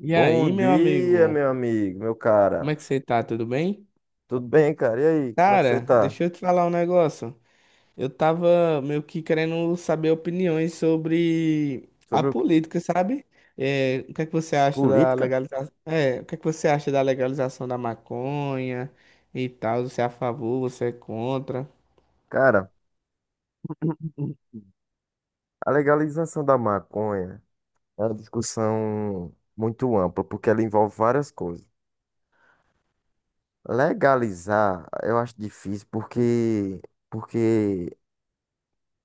E Bom aí, meu dia, amigo, meu amigo, meu como cara. é que você tá? Tudo bem? Tudo bem, cara? E aí, como é que você Cara, tá? deixa eu te falar um negócio. Eu tava meio que querendo saber opiniões sobre a Sobre o quê? política, sabe? É, o que é que você acha da Política? legalização? É, o que é que você acha da legalização da maconha e tal? Você é a favor, você é contra? Cara, a legalização da maconha é uma discussão muito ampla, porque ela envolve várias coisas. Legalizar, eu acho difícil porque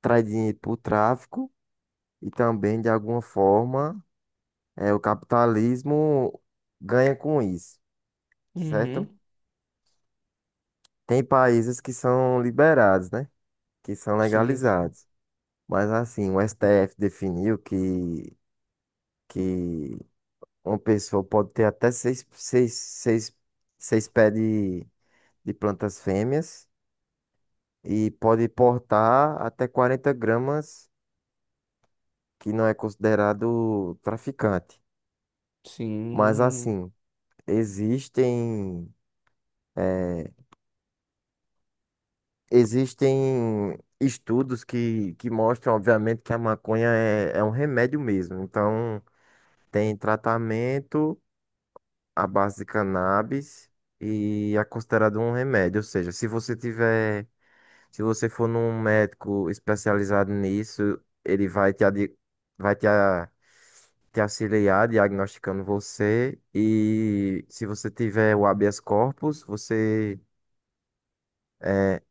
traz dinheiro pro tráfico e também de alguma forma o capitalismo ganha com isso, certo? Uhum. Tem países que são liberados, né? Que são Sim, sim. legalizados. Mas assim, o STF definiu que uma pessoa pode ter até seis pés de plantas fêmeas e pode portar até 40 gramas, que não é considerado traficante. Mas Sim, assim, existem, eh, existem estudos que mostram, obviamente, que a maconha é um remédio mesmo. Então, tem tratamento à base de cannabis e é considerado um remédio. Ou seja, se você tiver, se você for num médico especializado nisso, ele vai te auxiliar diagnosticando você. E se você tiver o habeas corpus, você é,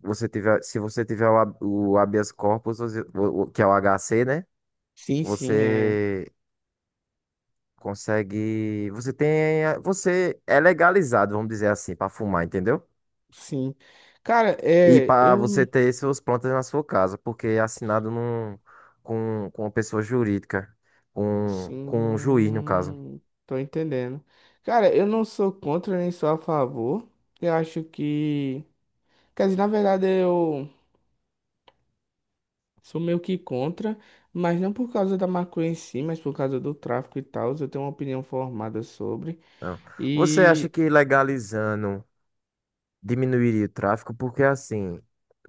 você tiver, se você tiver o, hab- o habeas corpus, que é o HC, né? sim, sim, é. Você consegue, você tem, você é legalizado, vamos dizer assim, para fumar, entendeu? Sim. Cara, E é, para você eu. ter suas plantas na sua casa, porque é assinado com uma pessoa jurídica, com um juiz, no caso. Sim, tô entendendo. Cara, eu não sou contra nem sou a favor. Eu acho que. Quer dizer, na verdade eu sou meio que contra, mas não por causa da maconha em si, mas por causa do tráfico e tal. Eu tenho uma opinião formada sobre. Então, você acha E. que legalizando diminuiria o tráfico? Porque, assim,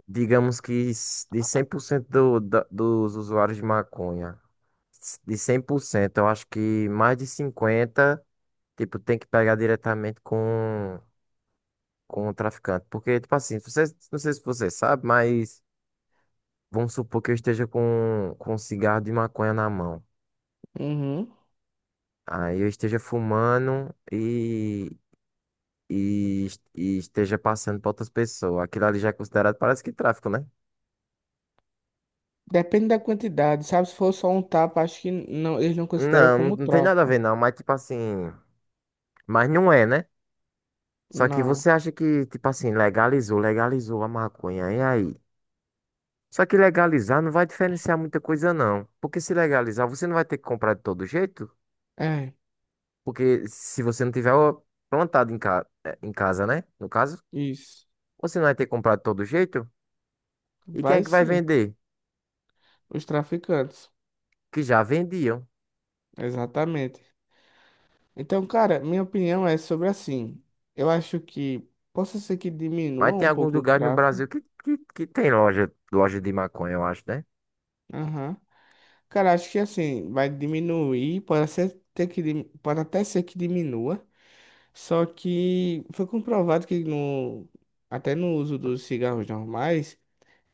digamos que de 100% do, da, dos usuários de maconha, de 100% eu acho que mais de 50%, tipo, tem que pegar diretamente com o traficante. Porque, tipo assim, você, não sei se você sabe, mas. Vamos supor que eu esteja com um cigarro de maconha na mão. Uhum. Aí eu esteja fumando e esteja passando para outras pessoas. Aquilo ali já é considerado, parece que tráfico, né? Depende da quantidade, sabe? Se for só um tapa, acho que não, eles não consideram Não, não, como não tem nada a tráfico. ver, não. Mas, tipo assim. Mas não é, né? Só que Não. você acha que, tipo assim, legalizou, legalizou a maconha. E aí? Só que legalizar não vai diferenciar muita coisa, não. Porque se legalizar, você não vai ter que comprar de todo jeito. É, Porque se você não tiver ó, plantado em casa, né? No caso. isso. Você não vai ter comprado de todo jeito? E quem é Vai que vai sim, vender? os traficantes. Que já vendiam. Exatamente. Então, cara, minha opinião é sobre assim. Eu acho que possa ser que Mas diminua tem um alguns pouco o lugares no tráfego. Brasil que tem loja, loja de maconha, eu acho, né? Aham. Cara, acho que assim, vai diminuir, pode ser ter que, pode até ser que diminua. Só que foi comprovado que até no uso dos cigarros normais,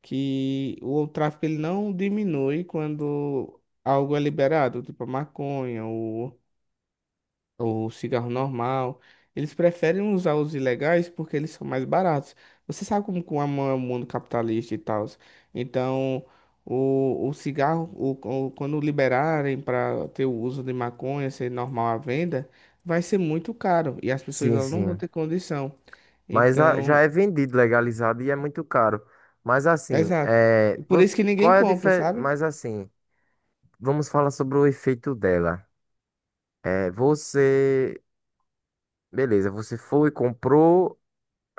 que o tráfico ele não diminui quando algo é liberado, tipo a maconha, o cigarro normal. Eles preferem usar os ilegais porque eles são mais baratos. Você sabe como que é o mundo capitalista e tal. Então, o cigarro, quando liberarem para ter o uso de maconha, ser normal à venda, vai ser muito caro e as pessoas Sim, elas não vão sim. ter condição. Mas já Então, é vendido, legalizado e é muito caro. Mas assim, exato. E por isso que ninguém qual é a compra, diferença? sabe? Mas assim, vamos falar sobre o efeito dela. É, você, beleza, você foi, comprou,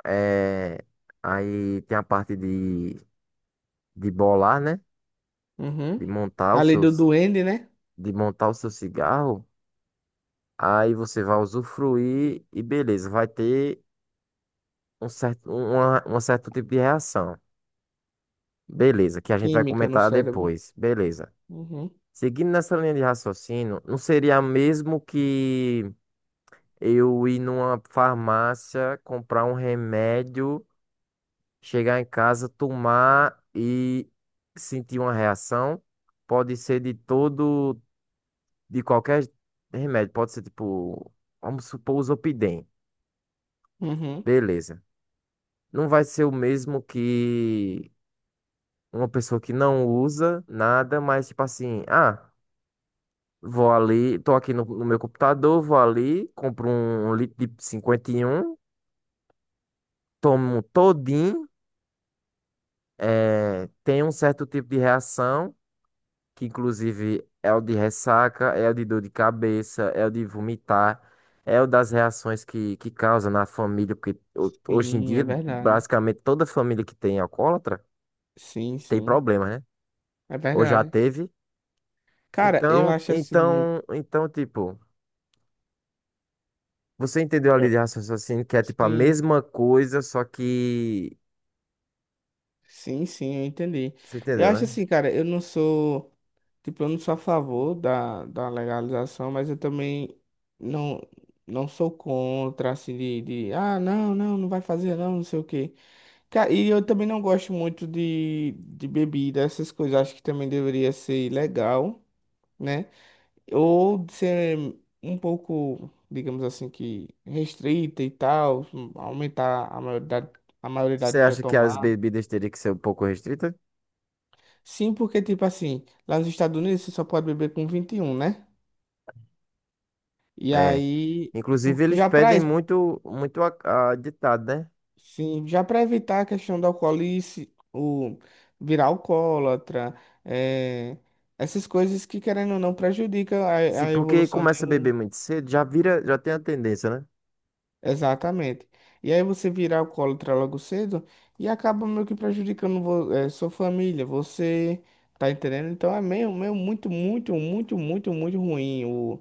é, aí tem a parte de bolar, né? De Uhum. montar A os lei do seus, duende, né? de montar o seu cigarro. Aí você vai usufruir e beleza, vai ter um certo tipo de reação. Beleza, que a gente vai Química no comentar cérebro. depois. Beleza. Uhum. Seguindo nessa linha de raciocínio, não seria mesmo que eu ir numa farmácia, comprar um remédio, chegar em casa, tomar e sentir uma reação? Pode ser de todo, de qualquer remédio. Pode ser tipo, vamos supor, o Zopidem. Uhum. Beleza. Não vai ser o mesmo que uma pessoa que não usa nada, mas tipo assim, ah, vou ali, tô aqui no meu computador, vou ali, compro um litro de 51, tomo todinho, tem um certo tipo de reação, que inclusive é o de ressaca, é o de dor de cabeça, é o de vomitar. É o das reações que causa na família, porque hoje em Sim, é dia, verdade. basicamente toda família que tem alcoólatra Sim, tem sim. problema, né? É Ou já verdade. teve? Cara, eu Então, acho assim. então, então, tipo, você entendeu a linha eu- de raciocínio que é tipo a Sim, mesma coisa, só que. sim, sim, eu entendi. Você Eu entendeu, acho né? assim, cara, eu não sou. Tipo, eu não sou a favor da legalização, mas eu também não, não sou contra, assim, de. Ah, não, não, não vai fazer, não, não sei o quê. E eu também não gosto muito de bebida, essas coisas. Acho que também deveria ser legal, né? Ou ser um pouco, digamos assim, que restrita e tal, aumentar a maioridade, a Você maioridade para acha que as tomar. bebidas teriam que ser um pouco restritas? Sim, porque, tipo assim, lá nos Estados Unidos você só pode beber com 21, né? E É. aí, Inclusive, eles já para pedem muito, muito a ditado, né? sim, já para evitar a questão do alcoolice, o virar alcoólatra, eh, essas coisas que, querendo ou não, prejudica a, Se a porque evolução de começa a beber um. muito cedo, já vira, já tem a tendência, né? Exatamente. E aí você virar alcoólatra logo cedo e acaba meio que prejudicando sua família, você tá entendendo? Então é meio muito, muito, muito, muito, muito ruim,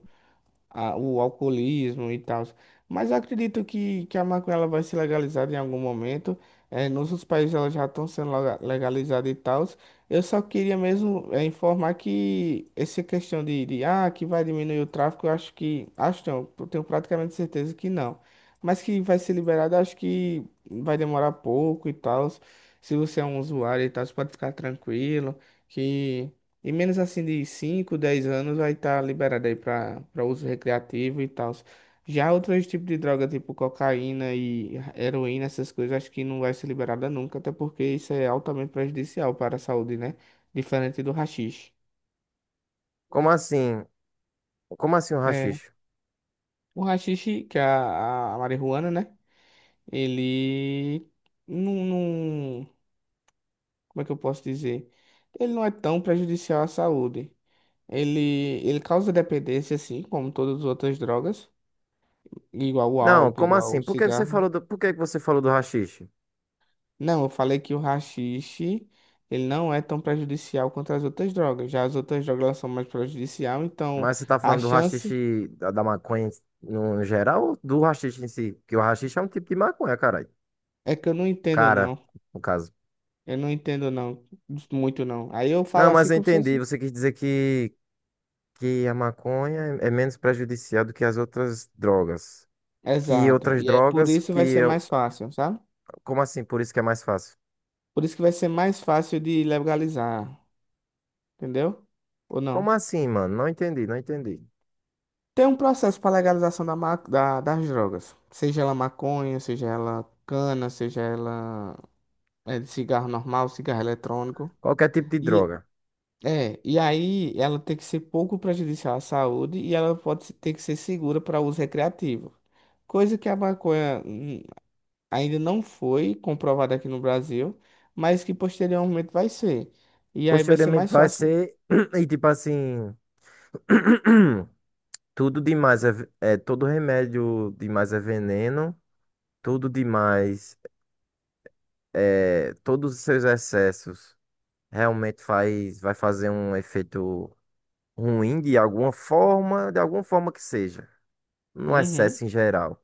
o alcoolismo e tal. Mas eu acredito que a maconha ela vai ser legalizada em algum momento. É, nos outros países ela já estão sendo legalizada e tal. Eu só queria mesmo é informar que essa questão de que vai diminuir o tráfico, eu acho que. Acho não, eu tenho praticamente certeza que não. Mas que vai ser liberado, eu acho que vai demorar pouco e tal. Se você é um usuário e tal, você pode ficar tranquilo. Que em menos assim de 5 10 anos vai estar liberado aí para uso recreativo e tal. Já outros tipos de droga, tipo cocaína e heroína, essas coisas, acho que não vai ser liberada nunca, até porque isso é altamente prejudicial para a saúde, né? Diferente do haxixe. Como assim? Como assim o É, haxixe? o haxixe, que é a marihuana, né? Ele não, não- Como é que eu posso dizer? Ele não é tão prejudicial à saúde. Ele, ele causa dependência, assim, como todas as outras drogas. Igual o Não, álcool, como igual assim? o Por que você cigarro. falou do, por que você falou do haxixe? Não, eu falei que o haxixe, ele não é tão prejudicial quanto as outras drogas. Já as outras drogas elas são mais prejudicial, então Mas você tá a falando do chance haxixe da maconha no geral ou do haxixe em si? Porque o haxixe é um tipo de maconha, caralho. é que eu não entendo Cara, não. no caso. Eu não entendo não, muito não. Aí eu Não, falo mas assim eu como se entendi. fosse... Você quis dizer que, a maconha é menos prejudicial do que as outras drogas. Que Exato. outras E aí por drogas isso que vai ser eu... mais fácil, sabe? Como assim? Por isso que é mais fácil. Por isso que vai ser mais fácil de legalizar, entendeu? Ou Como não? assim, mano? Não entendi, não entendi. Tem um processo para legalização das drogas, seja ela maconha, seja ela cana, seja ela. É de cigarro normal, cigarro eletrônico. Qualquer tipo de E, droga. e aí ela tem que ser pouco prejudicial à saúde e ela pode ter que ser segura para uso recreativo. Coisa que a maconha ainda não foi comprovada aqui no Brasil, mas que posteriormente vai ser. E aí vai ser Posteriormente mais vai fácil. ser... E tipo assim... Tudo demais é, é... Todo remédio demais é veneno. Tudo demais, todos os seus excessos realmente vai fazer um efeito ruim de alguma forma que seja, no Uhum. excesso em geral,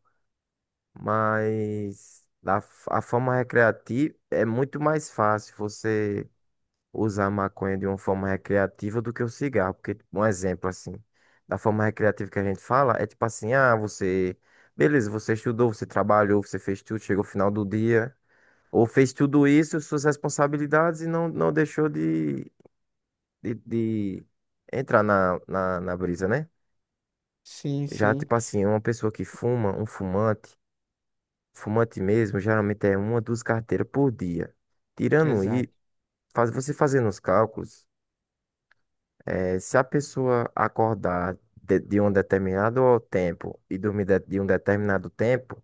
mas a, forma recreativa é muito mais fácil você usar a maconha de uma forma recreativa do que o cigarro. Porque, um exemplo assim, da forma recreativa que a gente fala, é tipo assim, ah, você, beleza, você estudou, você trabalhou, você fez tudo, chegou ao final do dia. Ou fez tudo isso, suas responsabilidades, e não deixou de entrar na brisa, né? Sim, Já, sim. tipo assim, uma pessoa que fuma, um fumante, fumante mesmo, geralmente é uma, duas carteiras por dia. Tirando Exato. isso, você fazendo os cálculos, se a pessoa acordar de um determinado tempo e dormir de um determinado tempo,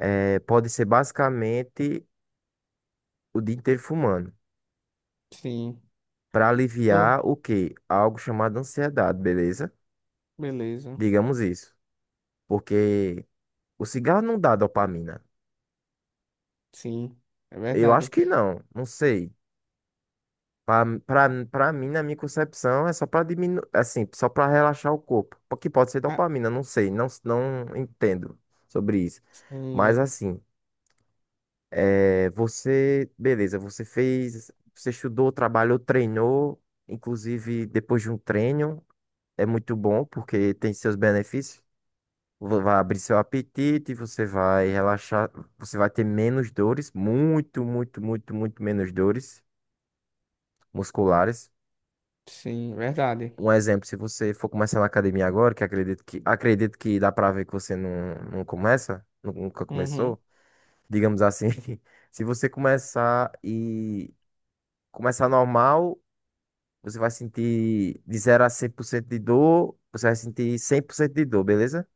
pode ser basicamente o dia inteiro fumando. Sim. Para aliviar Oh, o quê? Algo chamado ansiedade, beleza? beleza. Digamos isso. Porque o cigarro não dá dopamina. Sim. É Eu acho verdade. que não, não sei. Pra mim, na minha concepção, é só pra diminuir, assim, só pra relaxar o corpo. Que pode ser Ah, dopamina, não sei, não entendo sobre isso. Mas sim. assim, é, você, beleza, você fez, você estudou, trabalhou, treinou, inclusive depois de um treino, é muito bom porque tem seus benefícios. Vai abrir seu apetite, você vai relaxar, você vai ter menos dores, muito, muito, muito, muito menos dores musculares. Sim, verdade. Um exemplo, se você for começar na academia agora, que acredito que acredito que dá pra ver que você nunca Uhum. começou, digamos assim. Se você começar e começar normal, você vai sentir de 0 a 100% de dor, você vai sentir 100% de dor, beleza?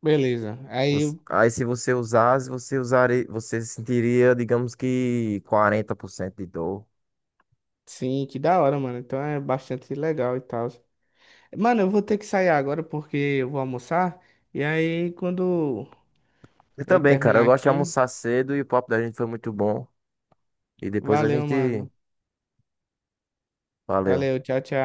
Beleza. Aí, Aí, se você usasse, você usaria, você sentiria, digamos que 40% de dor. sim, que da hora, mano. Então é bastante legal e tal. Mano, eu vou ter que sair agora porque eu vou almoçar. E aí, quando Eu eu também, cara, eu terminar gosto de aqui, almoçar cedo e o papo da gente foi muito bom. E depois a valeu, gente. mano. Valeu. Valeu, tchau, tchau.